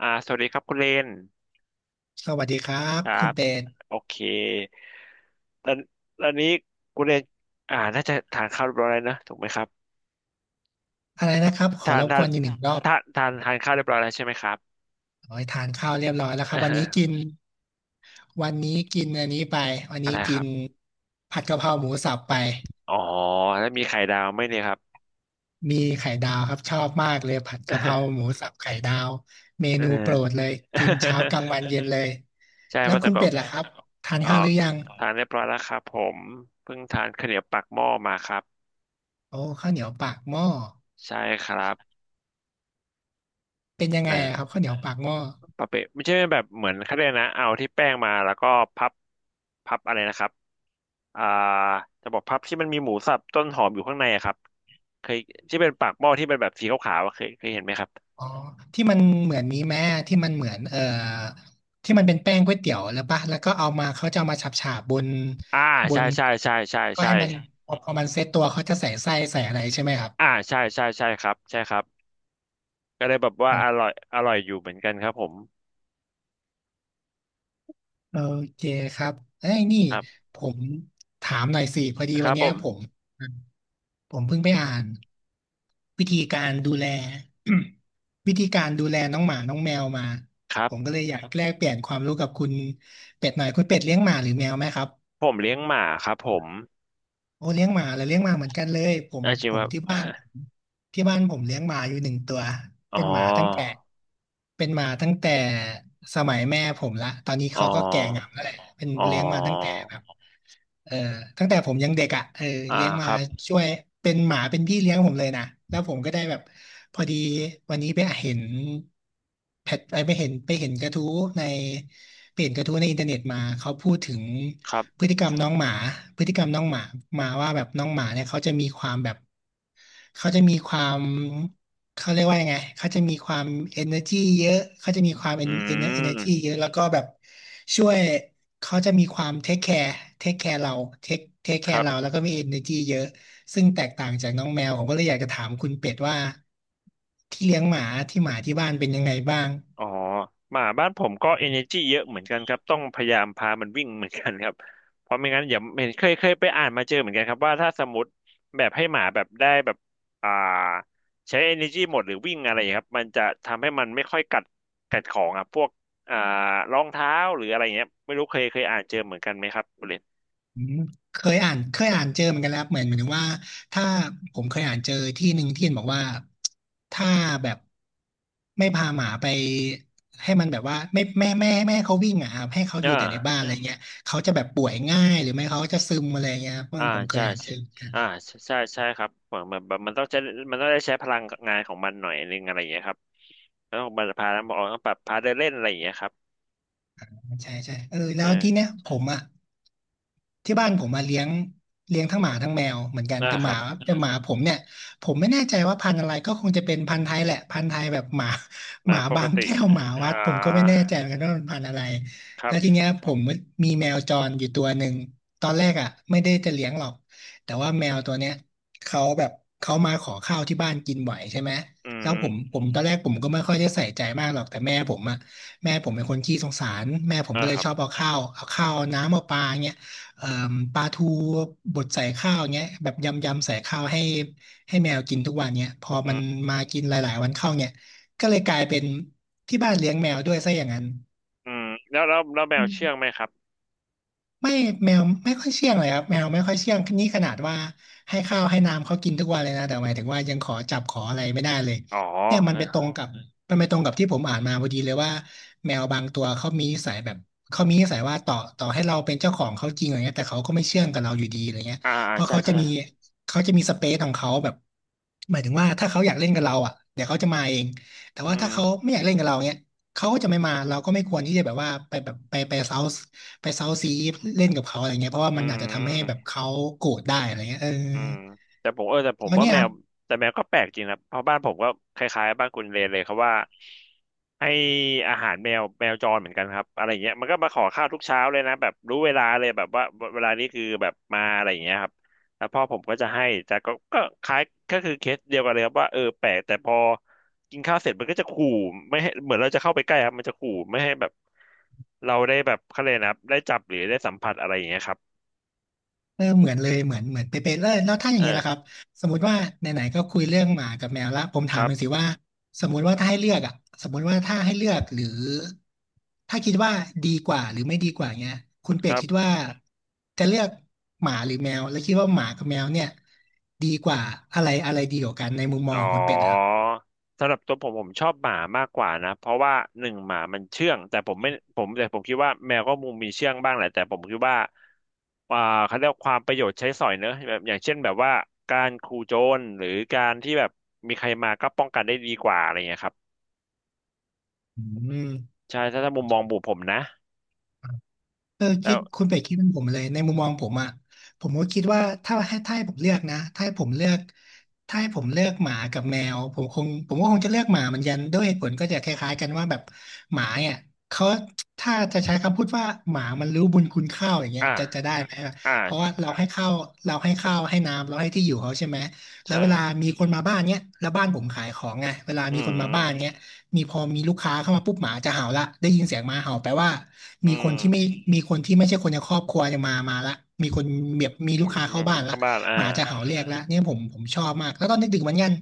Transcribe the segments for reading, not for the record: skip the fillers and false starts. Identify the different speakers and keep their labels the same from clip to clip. Speaker 1: สวัสดีครับคุณเลน
Speaker 2: สวัสดีครับ
Speaker 1: ครั
Speaker 2: คุณ
Speaker 1: บ
Speaker 2: เป็น
Speaker 1: โอเคตอนนี้คุณเลนน่าจะทานข้าวเรียบร้อยแล้วนะถูกไหมครับ
Speaker 2: อะไรนะครับขอ
Speaker 1: ทา
Speaker 2: ร
Speaker 1: น
Speaker 2: บ
Speaker 1: ทา
Speaker 2: ก
Speaker 1: น
Speaker 2: วนอีกหนึ่งรอบ
Speaker 1: ทานข้าวเรียบร้อยแล้วใช่ไหมครับ
Speaker 2: ขอใหทานข้าวเรียบร้อยแล้วค
Speaker 1: เออ
Speaker 2: รับวันนี้กิน อันนี้ไปวัน
Speaker 1: อะ
Speaker 2: นี้
Speaker 1: ไรค
Speaker 2: กิ
Speaker 1: รั
Speaker 2: น
Speaker 1: บ
Speaker 2: ผัดกะเพราหมูสับไป
Speaker 1: อ๋อแล้วมีไข่ดาวไหมเนี่ยครับ
Speaker 2: มีไข่ดาวครับชอบมากเลยผัดกะเพราห มูสับไข่ดาวเม
Speaker 1: เอ
Speaker 2: นูโปรด
Speaker 1: อ
Speaker 2: เลยกินเช้ากลางวัน เย็นเลย
Speaker 1: ใช่
Speaker 2: แล้
Speaker 1: เพ
Speaker 2: ว
Speaker 1: ราะแต่
Speaker 2: คุณ
Speaker 1: ก็
Speaker 2: เป็ดล่ะครับทาน
Speaker 1: อ๋อ
Speaker 2: ข้าวหรือยัง
Speaker 1: ทานเรียบร้อยแล้วครับผมเพิ่งทานข้าวเหนียวปากหม้อมาครับ
Speaker 2: โอ้ข้าวเหนียวปากหม้อ
Speaker 1: ใช่ครับ
Speaker 2: เป็นยังไงอะครับข้าวเหนียวปากหม้อ
Speaker 1: ปะเปะไม่ใช่แบบเหมือนเขาเรียกนะเอาที่แป้งมาแล้วก็พับพับอะไรนะครับอ่าจะบอกพับที่มันมีหมูสับต้นหอมอยู่ข้างในอะครับเคยที่เป็นปากหม้อที่เป็นแบบสีขาวๆอะเคยเห็นไหมครับ
Speaker 2: อ๋อที่มันเหมือนนี้แม่ที่มันเหมือนที่มันเป็นแป้งก๋วยเตี๋ยวแล้วปะแล้วก็เอามาเขาจะเอามาฉาบฉาบบน
Speaker 1: อ่า
Speaker 2: บ
Speaker 1: ใช่
Speaker 2: น
Speaker 1: ใช่ใช่ใช่
Speaker 2: ก็
Speaker 1: ใช่
Speaker 2: ให้มันพอมันเซตตัวเขาจะใส่ไส้ใส่อะไรใช่ไหมครับ
Speaker 1: ใช่ใช่ใช่ครับใช่ครับก็เลยแบบว่า
Speaker 2: อืม
Speaker 1: อร่อยอยู่เหมือนกันครับผม
Speaker 2: โอเคครับเอ้ยนี่
Speaker 1: ครับ
Speaker 2: ผมถามหน่อยสิพอดี
Speaker 1: ค
Speaker 2: วั
Speaker 1: รั
Speaker 2: น
Speaker 1: บผ
Speaker 2: เนี้ยผม
Speaker 1: ม
Speaker 2: ผมเพิ่งไปอ่านวิธีการดูแล วิธีการดูแลน้องหมาน้องแมวมา
Speaker 1: ครั
Speaker 2: ผมก็
Speaker 1: บ
Speaker 2: เลยอยากแลกเปลี่ยนความรู้กับคุณเป็ดหน่อยคุณเป็ดเลี้ยงหมาหรือแมวไหมครับ
Speaker 1: ผมเลี้ยงหมาครับผม
Speaker 2: โอ้เลี้ยงหมาแล้วเลี้ยงหมาเหมือนกันเลยผม
Speaker 1: อาจริ
Speaker 2: ผ
Speaker 1: ง
Speaker 2: มที่
Speaker 1: วา
Speaker 2: บ้านที่บ้านผมเลี้ยงหมาอยู่หนึ่งตัว
Speaker 1: อ๋อ
Speaker 2: เป็นหมาตั้งแต่เป็นหมาตั้งแต่สมัยแม่ผมละตอนนี้
Speaker 1: อ๋
Speaker 2: เขาก็แก่งาม
Speaker 1: อ
Speaker 2: แล้วแหละเป็น
Speaker 1: อ๋อ
Speaker 2: เลี้ยงมาตั้งแต่แบบ เออตั้งแต่ผมยังเด็กอ่ะเออ
Speaker 1: อ่า
Speaker 2: เลี้ยง
Speaker 1: ค
Speaker 2: มา
Speaker 1: รับ
Speaker 2: ช่วยเป็นหมาเป็นพี่เลี้ยงผมเลยนะ แล้วผมก็ได้แบบพอดีวันนี้ไปเห็นแพทไปเห็นกระทู้ในไปเห็นกระทู้ในอินเทอร์เน็ตมาเขาพูดถึง
Speaker 1: ครั
Speaker 2: พ
Speaker 1: บ
Speaker 2: ฤติกรรมน้องหมาพฤติกรรมน้องหมามาว่าแบบน้องหมาเนี่ยเขาจะมีความแบบเขาจะมีความ เขาเรียกว่ายังไงเขาจะมีความ energy เยอะเขาจะมีความ
Speaker 1: อื
Speaker 2: energy
Speaker 1: ม
Speaker 2: เยอะ แล้วก็แบบช่วยเขาจะมีความ take care take care เรา take take
Speaker 1: ครั
Speaker 2: care เรา
Speaker 1: บ
Speaker 2: แล้วก็มี energy เยอะ ซึ่งแตกต่างจากน้องแมว ผมก็เลยอยากจะถามคุณเป็ดว่าที่เลี้ยงหมา ที่หมาที่บ้านเป็นยังไงบ้าง
Speaker 1: อ๋อหมาบ้านผมก็ energy เยอะเหมือนกันครับต้องพยายามพามันวิ่งเหมือนกันครับเพราะไม่งั้นอย่าเห็นเคยไปอ่านมาเจอเหมือนกันครับว่าถ้าสมมติแบบให้หมาแบบได้แบบอ่าใช้ energy หมดหรือวิ่งอะไรครับมันจะทำให้มันไม่ค่อยกัดของอ่ะพวกอ่ารองเท้าหรืออะไรเงี้ยไม่รู้เคยอ่านเจอเหมือนกันไหมครับคุณเลน
Speaker 2: อืมเคยอ่านเจอเหมือนกันแล้วครับเหมือนถึงว่าถ้าผมเคยอ่านเจอที่หนึ่งที่เห็นบอกว่าถ้าแบบไม่พาหมาไปให้มันแบบว่าไม่ให้เขาวิ่งอ่ะครับให้เขาอยู่
Speaker 1: อ่า
Speaker 2: แต่ในบ้านอะไรเงี้ยเขาจะแบบป่วยง่ายหรือไม่เขาจะซึมอะไรเงี้ยครับเพิ่
Speaker 1: อ่า
Speaker 2: งผมเคย
Speaker 1: ใช่
Speaker 2: อ่านเจอ
Speaker 1: อ่าใช่ใช่ใช่ครับเหมือนแบบมันต้องได้ใช้พลังงานของมันหน่อยนึงอะไรอย่างเงี้ยครับ แล้วมจพาแล้วบอกต้องปรับพารเดินเล่นอะไรอย่างเงี้ยครับ
Speaker 2: ใช่ใช่เออแล้
Speaker 1: ใช่
Speaker 2: วที่เนี้ยผมอ่ะที่บ้านผมมาเลี้ยงเลี้ยงทั้งหมาทั้งแมวเหมือนกันแต่
Speaker 1: ค
Speaker 2: ห
Speaker 1: รั
Speaker 2: มา
Speaker 1: บ
Speaker 2: ผมเนี่ยผมไม่แน่ใจว่าพันธุ์อะไรก็คงจะเป็นพันธุ์ไทยแหละพันธุ์ไทยแบบหมา ห
Speaker 1: นะ
Speaker 2: มา
Speaker 1: ป
Speaker 2: บา
Speaker 1: ก
Speaker 2: ง
Speaker 1: ติ
Speaker 2: แก้วหมา
Speaker 1: อ่
Speaker 2: วัดผมก็ไม่
Speaker 1: า
Speaker 2: แน่ใจเหมือนกันว่ามันพันธุ์อะไร
Speaker 1: ครั
Speaker 2: แล้วที
Speaker 1: บ
Speaker 2: เนี้ยผมมีแมวจรอยู่ตัวหนึ่งตอนแรกอ่ะไม่ได้จะเลี้ยงหรอกแต่ว่าแมวตัวเนี้ยเขาแบบเขามาขอข้าวที่บ้านกินบ่อยใช่ไหม
Speaker 1: อื
Speaker 2: แล้ว
Speaker 1: ม
Speaker 2: ผมตอนแรกผมก็ไม่ค่อยได้ใส่ใจมากหรอกแต่แม่ผมอ่ะ แม่ผมเป็นคนขี้สงสาร แม่ผมก็เล
Speaker 1: ค
Speaker 2: ย
Speaker 1: รับ
Speaker 2: ชอบเอาข้าวเอาน้ำเอาปลาเงี้ยเอ่มปลาทูบดใส่ข้าวเงี้ยแบบยำยำใส่ข้าวให้แมวกินทุกวันเนี้ยพอ
Speaker 1: อื
Speaker 2: มัน
Speaker 1: ม
Speaker 2: มากินหลายๆวันเข้าเนี่ยก็เลยกลายเป็นที่บ้านเลี้ยงแมวด้วยซะอย่างนั้น
Speaker 1: อืมแล้วแล้วแมวเชื่องไหมครับ
Speaker 2: ไม่แมวไม่ค่อยเชื่องเลยครับแมวไม่ค่อยเชื่องนี่ขนาดว่าให้ข้าวให้น้ำเขากินทุกวันเลยนะแต่หมายถึงว่ายังขอจับขออะไรไม่ได้เลย
Speaker 1: อ๋อ
Speaker 2: เนี่ยมันไปตร
Speaker 1: อ
Speaker 2: งกับมันไปตรงกับที่ผมอ่านมาพอดีเลยว่าแมวบางตัวเขามีนิสัยแบบเขามีนิสัยว่าต่อให้เราเป็นเจ้าของเขาจริงอะไรเงี้ยแต่เขาก็ไม่เชื่องกับเราอยู่ดีอะไรเงี้ยเพราะ
Speaker 1: ใช่
Speaker 2: เขาจะมี
Speaker 1: ใช่
Speaker 2: เขาจะมีสเปซของเขาแบบหมายถึงว่าถ้าเขาอยากเล่นกับเราอ่ะเดี๋ยวเขาจะมาเองแต่
Speaker 1: อื
Speaker 2: ว่า
Speaker 1: ม
Speaker 2: ถ้าเขาไม่อยากเล่นกับเราเนี้ยเขาก็จะไม่มาเราก็ไม่ควรที่จะแบบว่าไปแบบไปเซา ไปเซาซีเล่นกับเขาอะไรเงี้ยเพราะว่า
Speaker 1: อื
Speaker 2: มันอาจจะทำให้แบบ
Speaker 1: ม
Speaker 2: เขาโกรธได้อะไรเงี้ยเออ
Speaker 1: อืมแต่ผมเออแต่ผม
Speaker 2: แล้ว
Speaker 1: ว่า
Speaker 2: เนี่ย
Speaker 1: แม
Speaker 2: ครั
Speaker 1: ว
Speaker 2: บ
Speaker 1: แต่แมวก็แปลกจริงนะเพราะบ้านผมก็คล้ายๆบ้านคุณเลนเลยครับว่าให้อาหารแมวแมวจรเหมือนกันครับอะไรอย่างเงี้ยมันก็มาขอข้าวทุกเช้าเลยนะแบบรู้เวลาเลยแบบว่าเวลานี้คือแบบมาอะไรอย่างเงี้ยครับแล้วพ่อผมก็จะให้แต่ก็คล้ายก็คือเคสเดียวกันเลยครับว่าเออแปลกแต่พอกินข้าวเสร็จมันก็จะขู่ไม่ให้เหมือนเราจะเข้าไปใกล้ครับมันจะขู่ไม่ให้แบบเราได้แบบเขาเลยกนะครับได้จับหรือได้สัมผัสอะไรอย่างเงี้ยครับ
Speaker 2: เออเหมือนเลยเหมือนเป๊ะๆแล้วถ้าอ
Speaker 1: เอ
Speaker 2: ย่า
Speaker 1: อ
Speaker 2: งเงี้ยล่ะครับสมมุติว่าไหนๆก็คุยเรื่องหมากับแมวละผม
Speaker 1: ค
Speaker 2: ถาม
Speaker 1: รับ
Speaker 2: มันอยสิว่าสมมุติว่าถ้าให้เลือกอ่ะสมมุติว่าถ้าให้เลือกหรือถ้าคิดว่าดีกว่าหรือไม่ดีกว่าเงี้ยคุณ
Speaker 1: ค
Speaker 2: เป็ด
Speaker 1: รั
Speaker 2: คิดว่า
Speaker 1: บ
Speaker 2: จะเลือกหมาหรือแมวแล้วคิดว่าหมากับแมวเนี่ยดีกว่าอะไรอะไรดีกว่ากันในมุมมอ
Speaker 1: อ๋
Speaker 2: ง
Speaker 1: อ
Speaker 2: ของคุณเป็ดนะครับ
Speaker 1: สำหรับตัวผมผมชอบหมามากกว่านะเพราะว่าหนึ่งหมามันเชื่องแต่ผมไม่ผมแต่ผมคิดว่าแมวก็มุมมีเชื่องบ้างแหละแต่ผมคิดว่าอ่าเขาเรียกว่าความประโยชน์ใช้สอยเนอะแบบอย่างเช่นแบบว่าการขู่โจรหรือการที่แบบมีใครมาก็ป้องกันได้ดีกว่าอะไรเงี้ยครับ
Speaker 2: อืม
Speaker 1: ใช่ถ้ามุมมองบุผมนะ
Speaker 2: เออ
Speaker 1: แล้
Speaker 2: คิ
Speaker 1: ว
Speaker 2: ดคุณเป็ดคิดเป็นผมเลยในมุมมองผมอ่ะผมก็คิดว่าถ้าให้ผมเลือกนะถ้าให้ผมเลือกถ้าให้ผมเลือกหมากับแมวผมก็คงจะเลือกหมาเหมือนกันด้วยเหตุผลก็จะคล้ายๆกันว่าแบบหมาเนี่ยเขาถ้าจะใช้คำพูดว่าหมามันรู้บุญคุณข้าวอย่างเงี้ย
Speaker 1: อ่า
Speaker 2: จะได้ไหม
Speaker 1: อ่า
Speaker 2: เพราะว่าเราให้ข้าวเราให้ข้าวให้น้ำเราให้ที่อยู่เขาใช่ไหมแล้
Speaker 1: ใช่
Speaker 2: วเว
Speaker 1: ค
Speaker 2: ลา
Speaker 1: รับ
Speaker 2: มีคนมาบ้านเนี้ยแล้วบ้านผมขายของไงเวลา
Speaker 1: อื
Speaker 2: มีคนมาบ้าน
Speaker 1: ม
Speaker 2: เนี้ย มีพอมีลูกค้าเข้ามาปุ๊บหมาจะเห่าละได้ยินเสียงหมาเห่าแปลว่า
Speaker 1: อื
Speaker 2: มีคน
Speaker 1: ม
Speaker 2: ที่ไม่มีคนที่ไม่ใช่คนในครอบครัวจะมาละมีคนแบบมี
Speaker 1: อื
Speaker 2: ลูก
Speaker 1: ม
Speaker 2: ค้า
Speaker 1: อื
Speaker 2: เข้า
Speaker 1: ม
Speaker 2: บ้านละ
Speaker 1: เข้าบ้าน
Speaker 2: หมาจะเห่าเรียกละเนี่ยผมชอบมากแล้วตอนดึกๆเหมือนกัน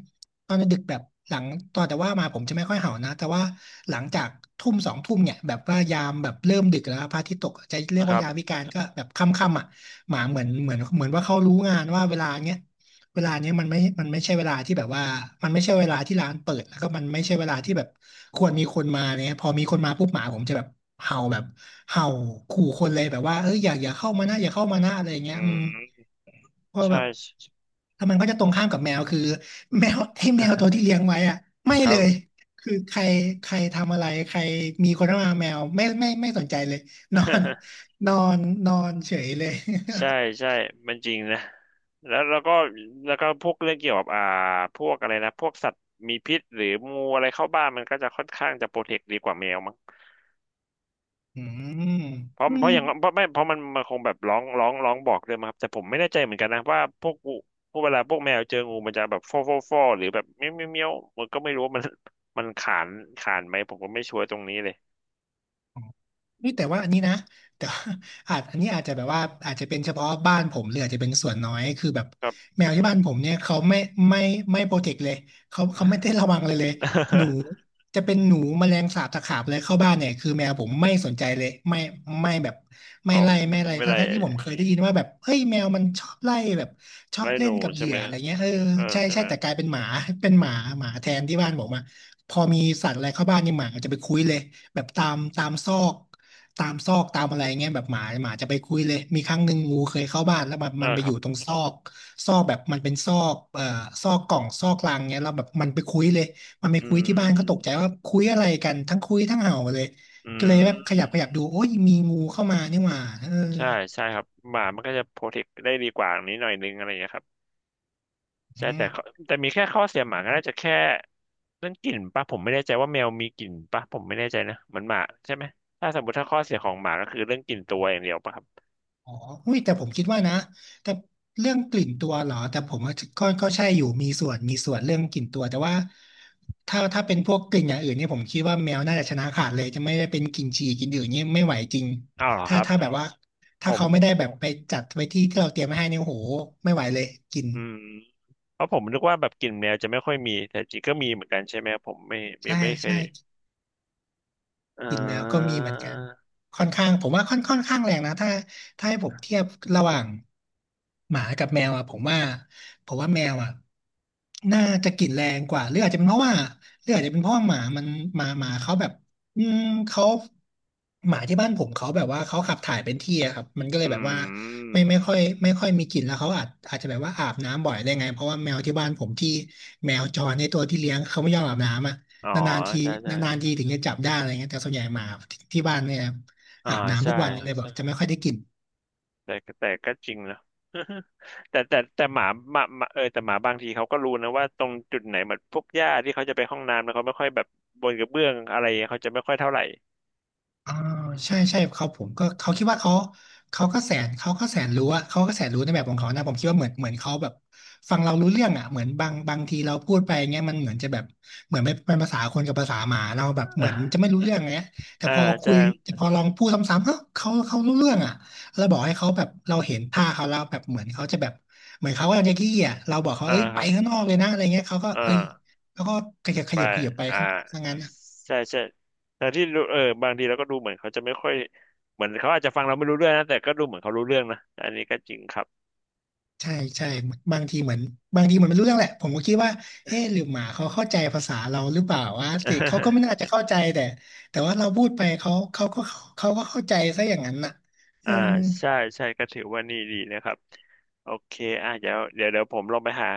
Speaker 2: ตอนดึกๆแบบหลังตอนแต่ว่ามาผมจะไม่ค่อยเห่านะแต่ว่าหลังจากทุ่มสองทุ่มเนี่ยแบบว่ายามแบบเริ่มดึกแล้วพระอาทิตย์ตกจะเรียก
Speaker 1: นะค
Speaker 2: ว่า
Speaker 1: รับ
Speaker 2: ยามวิกาลก็แบบค่ำๆอ่ะหมาเหมือนว่าเขารู้งานว่าเวลาเนี้ย เวลาเนี้ยมันไม่ใช่เวลาที่แบบว่ามันไม่ใช่เวลาที่ร้านเปิดแล้วก็มันไม่ใช่เวลาที่แบบควรมีคนมาเนี่ยพอมีคนมาปุ๊บหมาผมจะแบบเห่าแบบเห่าขู่คนเลยแบบว่าเอ้ยอย่าเข้ามานะอย่าเข้ามานะอะไรอย่าง
Speaker 1: อื
Speaker 2: เงี้ยอืม
Speaker 1: ม
Speaker 2: เพราะแบบ
Speaker 1: ใช่
Speaker 2: แล้วมันก็จะตรงข้ามกับแมวคือแมว ให้แมวตัวที่เลี้ยงไว้อะไม่
Speaker 1: ค
Speaker 2: เล
Speaker 1: รับ
Speaker 2: ยคือใครใครทำอะไรใครมีคนเข้ามาแมวไม่สนใจเลยนอน นอนนอนเฉยเลย
Speaker 1: ใช่ ใช่มันจริงนะแล้วแล้วก็พวกเรื่องเกี่ยวกับพวกอะไรนะพวกสัตว์มีพิษหรืองูอะไรเข้าบ้านมันก็จะค่อนข้างจะโปรเทคดีกว่าแมวมั้ง
Speaker 2: อืม
Speaker 1: เพราะ
Speaker 2: อื
Speaker 1: เพ
Speaker 2: ม
Speaker 1: ราะอย่างเพราะไม่เพราะมันมันคงแบบร้องบอกเลยมั้งครับแต่ผมไม่แน่ใจเหมือนกันนะว่าพวกงูพวกเวลาพวกแมวเจองูมันจะแบบฟอหรือแบบเมี้ยวมันก็ไม่รู้ว่ามันขานขานไหมผมก็ไม่ชัวร์ตรงนี้เลย
Speaker 2: เฮ้ยแต่ว่าอันนี้นะแต่ ว่าอาจอันนี้อาจจะแบบว่าอาจจะเป็นเฉพาะบ้านผมหรืออาจจะเป็นส่วนน้อยคือแบบ
Speaker 1: ครับ
Speaker 2: แมวที่บ้านผมเนี่ยเขาไม่ไม่โปรเทคเลยเขาไม่ได้ระวังเลยหนูจะเป็นหนูแมลงสาบตะขาบเลยเข้าบ้านเนี่ยคือแมวผมไม่สนใจเลยไม่แบบ
Speaker 1: อ๋
Speaker 2: ไม่
Speaker 1: อ
Speaker 2: ไล่ไม่
Speaker 1: ไม่
Speaker 2: อะไร
Speaker 1: ไม่ได้
Speaker 2: ทั้งๆที่ผมเคยได้ยินว่าแบบเฮ้ยแมวมันชอบไล่แบบชอบ
Speaker 1: ไม่ห
Speaker 2: เล่น
Speaker 1: นู
Speaker 2: กับเห
Speaker 1: ใช่
Speaker 2: ยื่
Speaker 1: ไหม
Speaker 2: ออะ
Speaker 1: ฮะ
Speaker 2: ไรเงี้ยเออ
Speaker 1: เออ
Speaker 2: ใช่
Speaker 1: ใช่
Speaker 2: ใช่
Speaker 1: ไหม
Speaker 2: แต่กลายเป็นหมาเป็นหมาหมาแทนที่บ้านผมอะพอมีสัตว์อะไรเข้าบ้านนี่หมาจะไปคุยเลย แบบตามซอกตามซอกตามอะไรเงี้ยแบบหมาจะไปคุยเลยมีครั้งหนึ่งงูเคยเข้าบ้านแล้วแบบ
Speaker 1: เออ
Speaker 2: มันไป
Speaker 1: ค
Speaker 2: อ
Speaker 1: รับ
Speaker 2: ยู่ตรงซอกซอกแบบมันเป็นซอกซอกกล่องซอกลังเงี้ยแล้วแบบมันไปคุยเลยมันไป
Speaker 1: อื
Speaker 2: คุยที่บ้านก็ตกใจ
Speaker 1: ม
Speaker 2: ว่าคุยอะไรกันทั้งคุยทั้งเห่าเลย
Speaker 1: อื
Speaker 2: ก็เลยแบบข
Speaker 1: ม
Speaker 2: ยับขยับดูโอ้ยมีงูเข้ามานี่หว่าเออ
Speaker 1: ใช่ใช่ครับหมามันก็จะโปรเทคได้ดีกว่านี้หน่อยนึงอะไรอย่างเงี้ยครับ
Speaker 2: อื
Speaker 1: ใช่แต่
Speaker 2: ม
Speaker 1: ข้อแต่มีแค่ข้อเสียหมาก็น่าจะแค่เรื่องกลิ่นปะผมไม่แน่ใจว่าแมวมีกลิ่นปะผมไม่แน่ใจนะเหมือนหมาใช่ไหมถ้าสมมติถ้าข้อเสียของหมาก็คือเรื่องกลิ่นตัวอย่างเดียวปะครับ
Speaker 2: อ๋อหุ้ยแต่ผมคิดว่านะแต่เรื่องกลิ่นตัวเหรอแต่ผมว่าก็ใช่อยู่มีส่วนเรื่องกลิ่นตัวแต่ว่าถ้าเป็นพวกกลิ่นอย่างอื่นเนี่ยผมคิดว่าแมวน่าจะชนะขาดเลยจะไม่ได้เป็นกลิ่นฉี่กลิ่นอื่นเนี่ยไม่ไหวจริง
Speaker 1: อ้าวเหรอค
Speaker 2: ถ้า
Speaker 1: รับ
Speaker 2: ถ้าแบบว่า
Speaker 1: ผ
Speaker 2: ถ้า
Speaker 1: ม
Speaker 2: เขาไม่ได้แบบไปจัดไว้ที่ที่เราเตรียมไว้ให้เนี่ยโอ้โหไม่ไหวเลยกลิ่น
Speaker 1: อืมเพราะผมนึกว่าแบบกลิ่นแมวจะไม่ค่อยมีแต่จริงก็มีเหมือนกันใช่ไหมผม
Speaker 2: ใช่
Speaker 1: ไม่เคย
Speaker 2: ใช่
Speaker 1: เอ
Speaker 2: กลิ่นแมวก็มี
Speaker 1: อ
Speaker 2: เหมือนกันค่อนข้างผมว่าค่อนข้างแรงนะถ้าให้ผมเทียบระหว่างหมากับแมวอ่ะผมว่าแมวอ่ะน่าจะกลิ่นแรงกว่าหรืออาจจะเป็นเพราะว่าหรืออาจจะเป็นเพราะว่าหมามันหมาเขาแบบอืมเขาหมาที่บ้านผมเขาแบบว่าเขาขับถ่ายเป็นที่อะครับมันก็เล
Speaker 1: อื
Speaker 2: ยแบบว่าไม่ไม่
Speaker 1: ม
Speaker 2: ค่อยไม่ค่อยมีกลิ่นแล้วเขาอาจจะแบบว่าอาบน้ำบ่อยได้ไงเพราะว่าแมวที่บ้านผมที่แมวจรในตัวที่เลี้ยงเขาไม่ยอมอาบน้ำอะ
Speaker 1: อ๋อ
Speaker 2: นานๆที
Speaker 1: ใช่
Speaker 2: นาน
Speaker 1: ใช่
Speaker 2: ๆทีถึงจะจับได้อะไรเงี้ยแต่ส่วนใหญ่หมาที่บ้านเนี่ย
Speaker 1: อ่า
Speaker 2: อาบน้ำ
Speaker 1: ใช่
Speaker 2: ทุกวันอ๋อเลยแบใชบจะไม่ค่อยได้กลิ่น
Speaker 1: แต่แต่ก็จริงนะ แต่หมาเออแต่หมาบางทีเขาก็รู้นะว่าตรงจุดไหนมันพวกหญ้าที่เขาจะไปห้องน้ำนะเขาไม่ค่อยแบบบนกระเบื้องอะไรเขาจะไม่ค่อยเท่าไหร่
Speaker 2: อ่าใช่ใช่เขาผมก็เขาคิดว่าเขาเขาก็แสนรู้อะเขาก็แสนรู้ในแบบของเขานะผมคิดว่าเหมือนเขาแบบฟังเรารู้เรื่องอะเหมือนบางทีเราพูดไปเงี้ยมันเหมือนจะแบบเหมือนไม่เป็นภาษาคนกับภาษาหมาเราแบบ เหมือนจะ
Speaker 1: อ่า
Speaker 2: ไม่รู้เรื่องเงี้ยแต่
Speaker 1: อ่า
Speaker 2: พอคุ
Speaker 1: จะ
Speaker 2: ยแต่พอลองพูดซ้ำๆเอ้าเขารู้เรื่องอะเราบอกให้เขาแบบเราเห็นท่าเขาแล้วแบบเหมือนเขาจะแบบเหมือนเขากำลังจะขี้อะเราบอกเขาเอ้ย
Speaker 1: ค
Speaker 2: ไป
Speaker 1: รับ
Speaker 2: ข้างนอกเลยนะอะไรเงี้ยเขาก็
Speaker 1: อ่
Speaker 2: เอ้ย
Speaker 1: า
Speaker 2: เขาก็ขยับข
Speaker 1: ไป
Speaker 2: ยับขยับไป
Speaker 1: อ่า
Speaker 2: ข้างนอกซะงั้น
Speaker 1: ใช่ใช่แต่ที่รู้เออบางทีเราก็ดูเหมือนเขาจะไม่ค่อยเหมือนเขาอาจจะฟังเราไม่รู้เรื่องนะแต่ก็ดูเหมือนเขารู้เรื่องนะอันนี้ก็จริงครับ
Speaker 2: ใช่ใช่บางทีเหมือนบางทีเหมือนไม่รู้เรื่องแหละผมก็คิดว่าเอ๊ะหรือหมาเขาเข้าใจภาษาเราหรือเปล่าวะแต่เขาก็ไม่ น่าจะเข้าใจแต่แต่ว่าเราพูดไปเขาก็เขาก็เข้าใจซะอย่างนั้นน่ะเอ
Speaker 1: อ่า
Speaker 2: อ
Speaker 1: ใช่ใช่ก็ถือว่านี่ดีนะครับโอเคอ่ะเดี๋ยวผมลงไปหา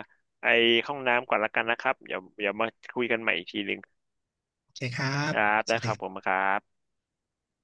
Speaker 1: ไอห้องน้ำก่อนละกันนะครับเดี๋ยวมาคุยกันใหม่อีกทีหนึ่ง
Speaker 2: โอเคครั
Speaker 1: ค
Speaker 2: บ
Speaker 1: รับ
Speaker 2: ส
Speaker 1: ได้
Speaker 2: วัส
Speaker 1: ครับผม
Speaker 2: ดี
Speaker 1: ครับ